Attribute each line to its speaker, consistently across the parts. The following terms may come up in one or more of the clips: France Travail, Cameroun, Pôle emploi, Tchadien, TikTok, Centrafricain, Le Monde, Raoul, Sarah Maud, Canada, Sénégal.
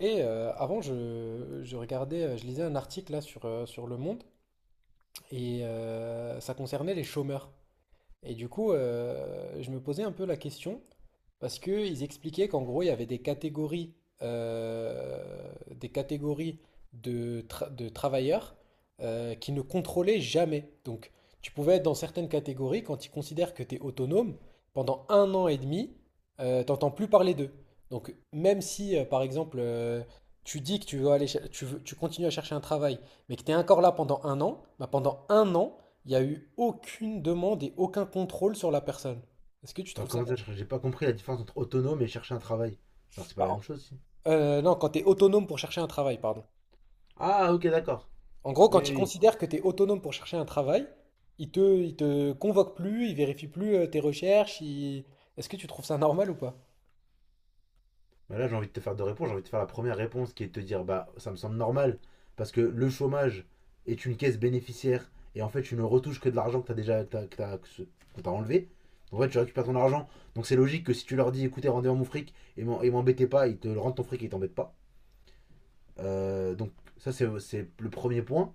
Speaker 1: Avant, je regardais, je lisais un article là sur Le Monde ça concernait les chômeurs. Et du coup, je me posais un peu la question, parce qu'ils expliquaient qu'en gros, il y avait des catégories de travailleurs qui ne contrôlaient jamais. Donc, tu pouvais être dans certaines catégories, quand ils considèrent que tu es autonome, pendant un an et demi, t'entends plus parler d'eux. Donc, même si, par exemple, tu dis que tu veux aller, cher- tu veux- tu continues à chercher un travail, mais que tu es encore là pendant un an, bah, pendant un an, il n'y a eu aucune demande et aucun contrôle sur la personne. Est-ce que tu
Speaker 2: Attends,
Speaker 1: trouves ça
Speaker 2: comment ça,
Speaker 1: normal?
Speaker 2: j'ai pas compris la différence entre autonome et chercher un travail. Genre, c'est pas
Speaker 1: Bah,
Speaker 2: la même chose, si.
Speaker 1: Non, quand tu es autonome pour chercher un travail, pardon.
Speaker 2: Ah, ok, d'accord.
Speaker 1: En gros,
Speaker 2: Oui, oui,
Speaker 1: quand ils
Speaker 2: oui.
Speaker 1: considèrent que tu es autonome pour chercher un travail, ils te convoquent plus, ils vérifient plus tes recherches. Est-ce que tu trouves ça normal ou pas?
Speaker 2: Bah là, j'ai envie de te faire deux réponses. J'ai envie de te faire la première réponse qui est de te dire, bah, ça me semble normal, parce que le chômage est une caisse bénéficiaire, et en fait, tu ne retouches que de l'argent que t'as déjà, que t'as, que t'as- que ce- qu'on t'a enlevé. Donc, en fait, tu récupères ton argent. Donc, c'est logique que si tu leur dis, écoutez, rendez-moi mon fric, et m'embêtez pas, ils te rendent ton fric et ils t'embêtent pas. Donc, ça, c'est le premier point,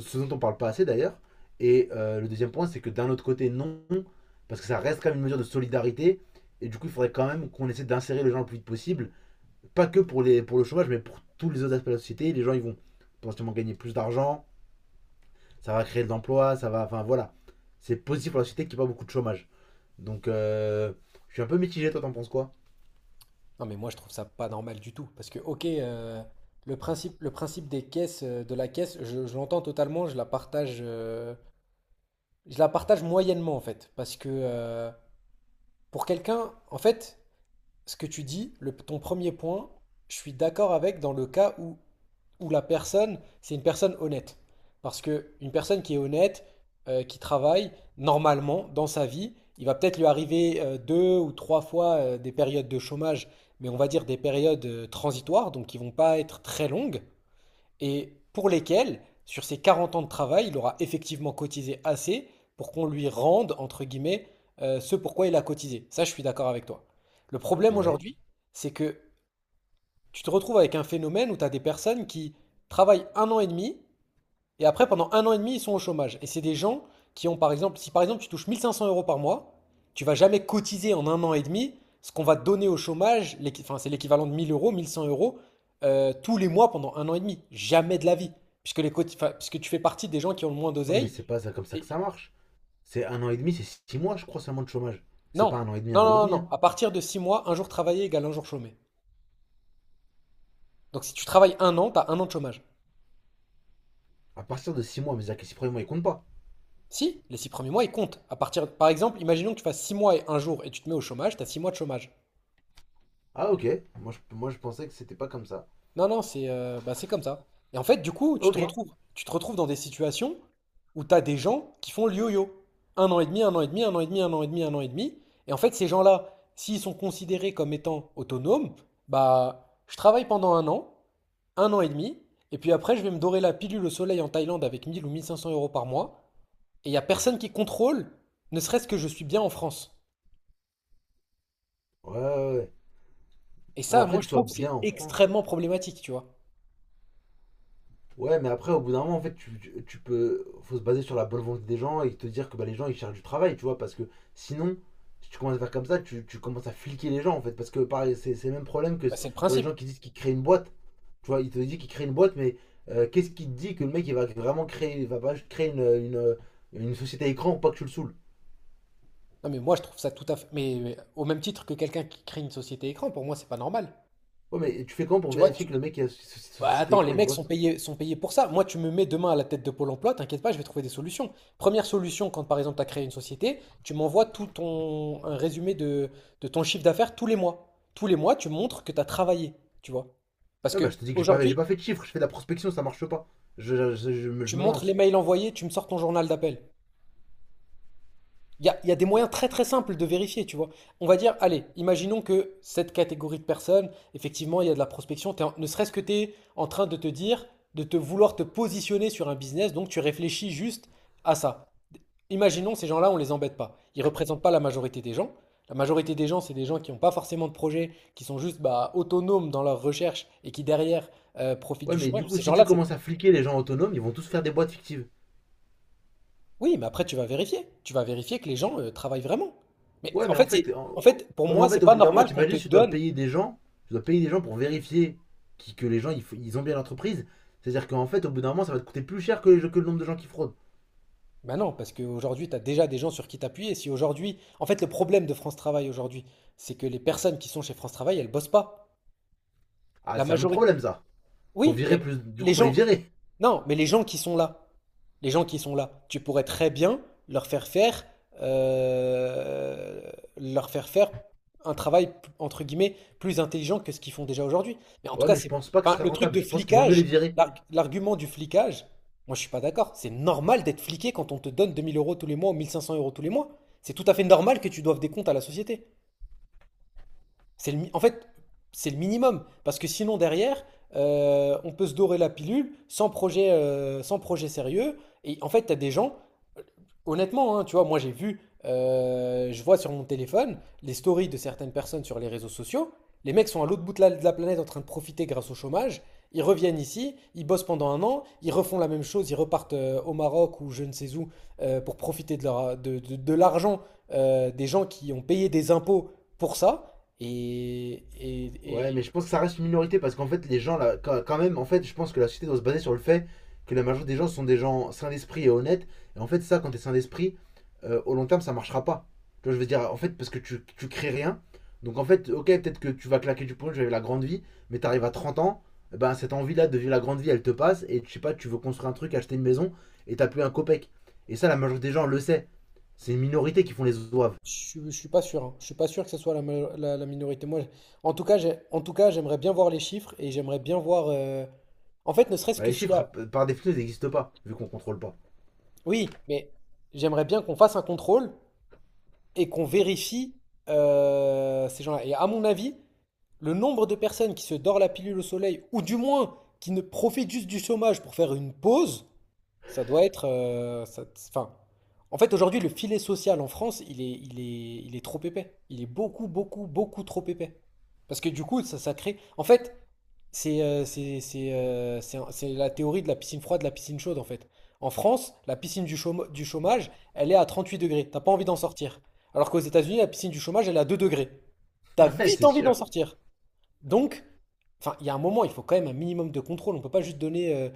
Speaker 2: ce dont on parle pas assez d'ailleurs. Et le deuxième point, c'est que d'un autre côté, non, parce que ça reste quand même une mesure de solidarité. Et du coup, il faudrait quand même qu'on essaie d'insérer les gens le plus vite possible. Pas que pour, les, pour le chômage, mais pour tous les autres aspects de la société. Les gens, ils vont potentiellement gagner plus d'argent, ça va créer de l'emploi, ça va. Enfin voilà. C'est positif pour la société qu'il n'y ait pas beaucoup de chômage. Donc, je suis un peu mitigé, toi, t'en penses quoi?
Speaker 1: Non, mais moi, je trouve ça pas normal du tout. Parce que, ok, le principe des caisses, de la caisse, je l'entends totalement, je la partage moyennement, en fait. Parce que pour quelqu'un, en fait, ce que tu dis, ton premier point, je suis d'accord avec dans le cas où la personne, c'est une personne honnête. Parce que une personne qui est honnête, qui travaille, normalement, dans sa vie, il va peut-être lui arriver deux ou trois fois des périodes de chômage, mais on va dire des périodes transitoires, donc qui ne vont pas être très longues, et pour lesquelles, sur ses 40 ans de travail, il aura effectivement cotisé assez pour qu'on lui rende, entre guillemets, ce pourquoi il a cotisé. Ça, je suis d'accord avec toi. Le problème
Speaker 2: Ouais.
Speaker 1: aujourd'hui, c'est que tu te retrouves avec un phénomène où tu as des personnes qui travaillent un an et demi et après, pendant un an et demi, ils sont au chômage. Et c'est des gens qui ont, par exemple, si par exemple tu touches 1500 euros par mois, tu vas jamais cotiser en un an et demi ce qu'on va te donner au chômage, enfin, c'est l'équivalent de 1000 euros, 1100 euros, tous les mois pendant un an et demi. Jamais de la vie. Puisque, enfin, puisque tu fais partie des gens qui ont le moins
Speaker 2: Ouais, mais
Speaker 1: d'oseille.
Speaker 2: c'est pas ça, comme ça que
Speaker 1: Et-
Speaker 2: ça marche. C'est un an et demi, c'est six mois, je crois, seulement de chômage. C'est
Speaker 1: Non,
Speaker 2: pas un an et demi, un an et demi.
Speaker 1: non.
Speaker 2: Hein.
Speaker 1: À partir de 6 mois, un jour travaillé égale un jour chômé. Donc si tu travailles un an, tu as un an de chômage.
Speaker 2: À partir de six mois, mais c'est-à-dire que les six premiers mois, ils comptent pas.
Speaker 1: Si, les six premiers mois, ils comptent. À partir, par exemple, imaginons que tu fasses six mois et un jour et tu te mets au chômage, t'as six mois de chômage.
Speaker 2: Ah ok, moi je pensais que c'était pas comme ça.
Speaker 1: Non, non, c'est bah, c'est comme ça. Et en fait, du coup,
Speaker 2: Ok. Ouais,
Speaker 1: tu te retrouves dans des situations où t'as des gens qui font le yo-yo. Un an et demi, un an et demi, un an et demi, un an et demi, un an et demi. Et en fait, ces gens-là, s'ils sont considérés comme étant autonomes, bah, je travaille pendant un an et demi, et puis après, je vais me dorer la pilule au soleil en Thaïlande avec 1000 ou 1500 euros par mois, et il n'y a personne qui contrôle, ne serait-ce que je suis bien en France.
Speaker 2: ouais, ouais.
Speaker 1: Et
Speaker 2: Non,
Speaker 1: ça,
Speaker 2: après
Speaker 1: moi,
Speaker 2: que
Speaker 1: je
Speaker 2: ce
Speaker 1: trouve,
Speaker 2: soit
Speaker 1: c'est
Speaker 2: bien en France.
Speaker 1: extrêmement problématique, tu vois.
Speaker 2: Ouais, mais après au bout d'un moment en fait tu peux. Faut se baser sur la bonne volonté des gens et te dire que bah, les gens ils cherchent du travail, tu vois, parce que sinon, si tu commences à faire comme ça, tu commences à fliquer les gens en fait, parce que pareil, c'est le même problème que
Speaker 1: Bah, c'est le
Speaker 2: pour les
Speaker 1: principe.
Speaker 2: gens qui disent qu'ils créent une boîte. Tu vois, ils te disent qu'ils créent une boîte, mais qu'est-ce qui te dit que le mec il va vraiment créer, il va pas créer une société écran pour pas que tu le saoules?
Speaker 1: Non, mais moi, je trouve ça tout à fait. Mais au même titre que quelqu'un qui crée une société écran, pour moi, c'est pas normal.
Speaker 2: Ouais, mais tu fais comment pour
Speaker 1: Tu vois,
Speaker 2: vérifier
Speaker 1: tu
Speaker 2: que le
Speaker 1: dis,
Speaker 2: mec qui a
Speaker 1: bah,
Speaker 2: société
Speaker 1: attends, les
Speaker 2: écran il
Speaker 1: mecs
Speaker 2: bosse?
Speaker 1: sont payés pour ça. Moi, tu me mets demain à la tête de Pôle emploi, t'inquiète pas, je vais trouver des solutions. Première solution, quand par exemple, tu as créé une société, tu m'envoies tout ton un résumé de ton chiffre d'affaires tous les mois. Tous les mois, tu montres que tu as travaillé, tu vois. Parce
Speaker 2: Ouais, bah,
Speaker 1: que
Speaker 2: je te dis que j'ai
Speaker 1: aujourd'hui,
Speaker 2: pas fait de chiffres, je fais de la prospection, ça marche pas. Je
Speaker 1: tu
Speaker 2: me
Speaker 1: montres les
Speaker 2: lance.
Speaker 1: mails envoyés, tu me sors ton journal d'appel. Il y a des moyens très très simples de vérifier, tu vois. On va dire, allez, imaginons que cette catégorie de personnes, effectivement, il y a de la prospection. Ne serait-ce que tu es en train de te dire, de te positionner sur un business, donc tu réfléchis juste à ça. Imaginons ces gens-là, on les embête pas. Ils représentent pas la majorité des gens. La majorité des gens, c'est des gens qui n'ont pas forcément de projet, qui sont juste bah, autonomes dans leur recherche et qui derrière profitent
Speaker 2: Ouais,
Speaker 1: du
Speaker 2: mais du
Speaker 1: chômage.
Speaker 2: coup,
Speaker 1: Ces
Speaker 2: si tu
Speaker 1: gens-là, c'est
Speaker 2: commences à fliquer les gens autonomes, ils vont tous faire des boîtes fictives.
Speaker 1: oui, mais après tu vas vérifier. Tu vas vérifier que les gens, travaillent vraiment. Mais
Speaker 2: Ouais,
Speaker 1: en
Speaker 2: mais en
Speaker 1: fait, c'est
Speaker 2: fait, en-
Speaker 1: en fait, pour
Speaker 2: ouais, mais en
Speaker 1: moi, c'est
Speaker 2: fait au
Speaker 1: pas
Speaker 2: bout d'un moment,
Speaker 1: normal qu'on te
Speaker 2: t'imagines, tu dois
Speaker 1: donne.
Speaker 2: payer des gens, tu dois payer des gens pour vérifier que les gens ils ont bien l'entreprise. C'est-à-dire qu'en fait, au bout d'un moment, ça va te coûter plus cher que, que le nombre de gens qui fraudent.
Speaker 1: Ben non, parce qu'aujourd'hui, tu as déjà des gens sur qui t'appuyer. Si aujourd'hui en fait, le problème de France Travail aujourd'hui, c'est que les personnes qui sont chez France Travail, elles bossent pas.
Speaker 2: Ah,
Speaker 1: La
Speaker 2: c'est un autre
Speaker 1: majorité.
Speaker 2: problème, ça. Faut
Speaker 1: Oui,
Speaker 2: virer
Speaker 1: mais
Speaker 2: plus. Du
Speaker 1: les
Speaker 2: coup, faut les
Speaker 1: gens.
Speaker 2: virer.
Speaker 1: Non, mais les gens qui sont là, les gens qui sont là, tu pourrais très bien leur faire faire, euh, leur faire faire un travail entre guillemets plus intelligent que ce qu'ils font déjà aujourd'hui. Mais en tout
Speaker 2: Ouais,
Speaker 1: cas,
Speaker 2: mais je
Speaker 1: c'est, bon.
Speaker 2: pense pas que ce
Speaker 1: Enfin,
Speaker 2: serait
Speaker 1: le truc
Speaker 2: rentable.
Speaker 1: de
Speaker 2: Je pense qu'il vaut mieux les
Speaker 1: flicage,
Speaker 2: virer.
Speaker 1: l'argument du flicage, moi je suis pas d'accord. C'est normal d'être fliqué quand on te donne 2000 euros tous les mois ou 1500 euros tous les mois. C'est tout à fait normal que tu doives des comptes à la société. En fait, c'est le minimum. Parce que sinon, derrière, on peut se dorer la pilule sans projet, sans projet sérieux. Et en fait, tu as des gens, euh, honnêtement, hein, tu vois, moi j'ai vu, je vois sur mon téléphone les stories de certaines personnes sur les réseaux sociaux. Les mecs sont à l'autre bout de la planète en train de profiter grâce au chômage. Ils reviennent ici, ils bossent pendant un an, ils refont la même chose, ils repartent au Maroc ou je ne sais où pour profiter de, de l'argent des gens qui ont payé des impôts pour ça. Et et
Speaker 2: Ouais,
Speaker 1: et
Speaker 2: mais je pense que ça reste une minorité parce qu'en fait, les gens, là, quand même, en fait, je pense que la société doit se baser sur le fait que la majorité des gens sont des gens sains d'esprit et honnêtes. Et en fait, ça, quand t'es sain d'esprit, au long terme, ça marchera pas. Tu vois, je veux dire, en fait, parce que tu crées rien. Donc, en fait, ok, peut-être que tu vas claquer du poing, tu vas vivre la grande vie, mais t'arrives à 30 ans, eh ben, cette envie-là de vivre la grande vie, elle te passe. Et je sais pas, tu veux construire un truc, acheter une maison, et t'as plus un copec. Et ça, la majorité des gens le sait. C'est une minorité qui font les zouaves.
Speaker 1: Je suis pas sûr, hein. Je suis pas sûr que ce soit la minorité. En tout cas, en tout cas, j'aimerais bien voir les chiffres et j'aimerais bien voir. En fait, ne serait-ce
Speaker 2: Bah,
Speaker 1: que
Speaker 2: les
Speaker 1: s'il y
Speaker 2: chiffres,
Speaker 1: a.
Speaker 2: par définition, ils n'existent pas, vu qu'on contrôle pas.
Speaker 1: Oui, mais j'aimerais bien qu'on fasse un contrôle et qu'on vérifie ces gens-là. Et à mon avis, le nombre de personnes qui se dorent la pilule au soleil, ou du moins qui ne profitent juste du chômage pour faire une pause, ça doit être... enfin, en fait, aujourd'hui, le filet social en France, il est trop épais. Il est beaucoup, beaucoup, beaucoup trop épais. Parce que du coup, ça crée... En fait, c'est c'est la théorie de la piscine froide, de la piscine chaude en fait. En France, la piscine du chômage, elle est à 38 degrés. T'as pas envie d'en sortir. Alors qu'aux États-Unis, la piscine du chômage, elle est à 2 degrés. T'as
Speaker 2: Ouais,
Speaker 1: vite
Speaker 2: c'est
Speaker 1: envie d'en
Speaker 2: sûr.
Speaker 1: sortir. Donc, enfin, il y a un moment, il faut quand même un minimum de contrôle. On peut pas juste donner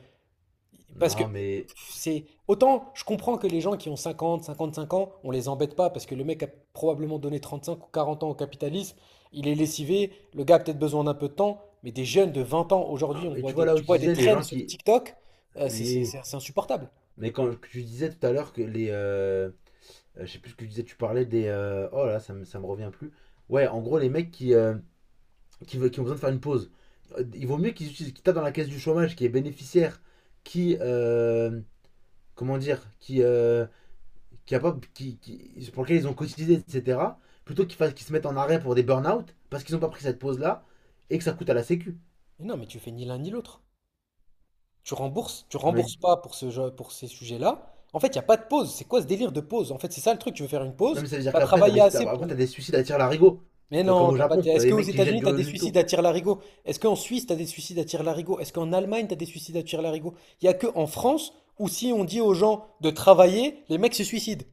Speaker 1: parce que
Speaker 2: Non, mais.
Speaker 1: c'est autant je comprends que les gens qui ont cinquante cinquante cinq ans, on les embête pas parce que le mec a probablement donné 35 ou 40 ans au capitalisme, il est lessivé, le gars a peut-être besoin d'un peu de temps, mais des jeunes de 20 ans aujourd'hui,
Speaker 2: Non,
Speaker 1: on
Speaker 2: mais
Speaker 1: voit
Speaker 2: tu vois
Speaker 1: des,
Speaker 2: là où
Speaker 1: tu
Speaker 2: tu
Speaker 1: vois des
Speaker 2: disais les
Speaker 1: traînes
Speaker 2: gens
Speaker 1: sur
Speaker 2: qui.
Speaker 1: TikTok,
Speaker 2: Oui.
Speaker 1: c'est insupportable.
Speaker 2: Mais quand tu disais tout à l'heure que les, je sais plus ce que tu disais, tu parlais des, oh là, ça me revient plus. Ouais, en gros, les mecs qui ont besoin de faire une pause. Il vaut mieux qu'ils utilisent, qu'ils tapent dans la caisse du chômage, qui est bénéficiaire, qui, comment dire? Qui, pour lequel ils ont cotisé, etc. Plutôt qu'ils fassent, qu'ils se mettent en arrêt pour des burn-out, parce qu'ils n'ont pas pris cette pause-là, et que ça coûte à la sécu.
Speaker 1: Mais non, mais tu fais ni l'un ni l'autre. Tu
Speaker 2: Non, mais.
Speaker 1: rembourses pas pour ce jeu, pour ces sujets-là. En fait, il n'y a pas de pause. C'est quoi ce délire de pause? En fait, c'est ça le truc. Tu veux faire une
Speaker 2: Non,
Speaker 1: pause,
Speaker 2: mais
Speaker 1: tu
Speaker 2: ça veut dire
Speaker 1: as
Speaker 2: qu'après,
Speaker 1: travaillé assez
Speaker 2: après,
Speaker 1: pour.
Speaker 2: t'as des suicides à tir larigot.
Speaker 1: Mais
Speaker 2: De, comme
Speaker 1: non,
Speaker 2: au
Speaker 1: t'as pas.
Speaker 2: Japon, t'as
Speaker 1: Est-ce
Speaker 2: des
Speaker 1: qu'aux
Speaker 2: mecs qui jettent
Speaker 1: États-Unis,
Speaker 2: du
Speaker 1: tu as
Speaker 2: haut
Speaker 1: des
Speaker 2: d'une
Speaker 1: suicides
Speaker 2: tour.
Speaker 1: à tire-larigot? Est-ce qu'en Suisse, tu as des suicides à tire-larigot? Est-ce qu'en Allemagne, tu as des suicides à tire-larigot? Il n'y a que en France où si on dit aux gens de travailler, les mecs se suicident.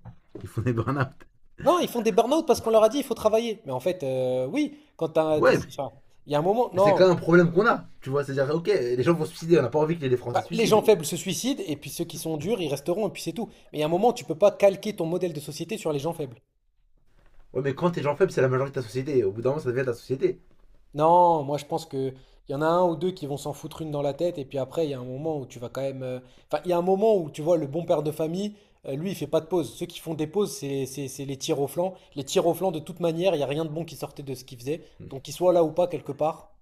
Speaker 2: Ils font des burn-out.
Speaker 1: Non, ils font des burn-out parce qu'on leur a dit il faut travailler. Mais en fait, oui,
Speaker 2: Ouais, mais.
Speaker 1: enfin, il y a un moment.
Speaker 2: Mais c'est quand
Speaker 1: Non.
Speaker 2: même un problème qu'on a. Tu vois, c'est-à-dire, ok, les gens vont se suicider, on n'a pas envie que les Français
Speaker 1: Bah,
Speaker 2: se
Speaker 1: les
Speaker 2: suicident.
Speaker 1: gens faibles se suicident et puis ceux qui sont durs, ils resteront et puis c'est tout. Mais à un moment, tu peux pas calquer ton modèle de société sur les gens faibles.
Speaker 2: Ouais, mais quand t'es gens faibles, c'est la majorité de ta société. Au bout d'un moment, ça devient ta société.
Speaker 1: Non, moi je pense que il y en a un ou deux qui vont s'en foutre une dans la tête et puis après il y a un moment où tu vas quand même. Enfin, il y a un moment où tu vois le bon père de famille, lui il fait pas de pause. Ceux qui font des pauses, c'est les tirs au flanc. Les tirs au flanc de toute manière, il y a rien de bon qui sortait de ce qu'il faisait. Donc qu'ils soient là ou pas quelque part,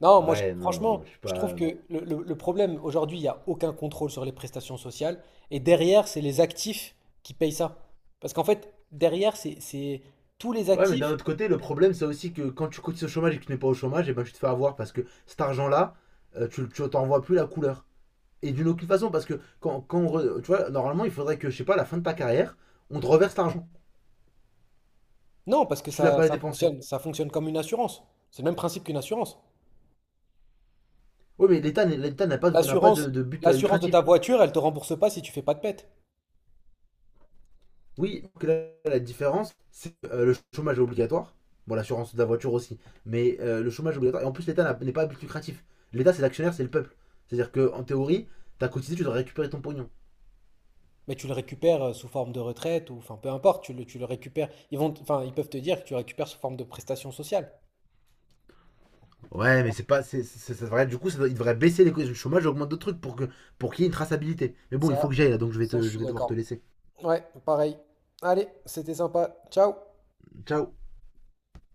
Speaker 1: non,
Speaker 2: Ouais, non, non, je
Speaker 1: franchement,
Speaker 2: suis
Speaker 1: je trouve
Speaker 2: pas.
Speaker 1: que le problème aujourd'hui, il n'y a aucun contrôle sur les prestations sociales. Et derrière, c'est les actifs qui payent ça. Parce qu'en fait, derrière, c'est tous les
Speaker 2: Ouais, mais d'un
Speaker 1: actifs.
Speaker 2: autre côté, le problème, c'est aussi que quand tu cotises au chômage et que tu n'es pas au chômage, et ben tu te fais avoir parce que cet argent-là, tu t'en vois plus la couleur. Et d'une aucune façon, parce que tu vois, normalement, il faudrait que, je sais pas, à la fin de ta carrière, on te reverse l'argent.
Speaker 1: Non, parce que
Speaker 2: Si tu l'as
Speaker 1: ça,
Speaker 2: pas dépensé.
Speaker 1: ça fonctionne comme une assurance. C'est le même principe qu'une assurance.
Speaker 2: Oui, mais l'État n'a pas, n'a pas de,
Speaker 1: L'assurance,
Speaker 2: de but
Speaker 1: l'assurance de ta
Speaker 2: lucratif.
Speaker 1: voiture, elle te rembourse pas si tu fais pas de pète.
Speaker 2: Oui, que là, la différence, c'est le chômage est obligatoire. Bon, l'assurance de la voiture aussi. Mais le chômage est obligatoire. Et en plus, l'État n'est pas à but lucratif. L'État, c'est l'actionnaire, c'est le peuple. C'est-à-dire que en théorie, t'as cotisé, tu dois récupérer ton pognon.
Speaker 1: Mais tu le récupères sous forme de retraite ou enfin peu importe, tu le récupères. Enfin ils peuvent te dire que tu récupères sous forme de prestation sociale.
Speaker 2: Ouais, mais c'est pas, du coup, il devrait baisser les cotisations du chômage et augmenter d'autres trucs pour que pour qu'il y ait une traçabilité. Mais bon, il faut
Speaker 1: Ça,
Speaker 2: que j'aille là, donc je vais,
Speaker 1: ça, je
Speaker 2: je
Speaker 1: suis
Speaker 2: vais devoir te
Speaker 1: d'accord.
Speaker 2: laisser.
Speaker 1: Ouais, pareil. Allez, c'était sympa. Ciao.
Speaker 2: Ciao.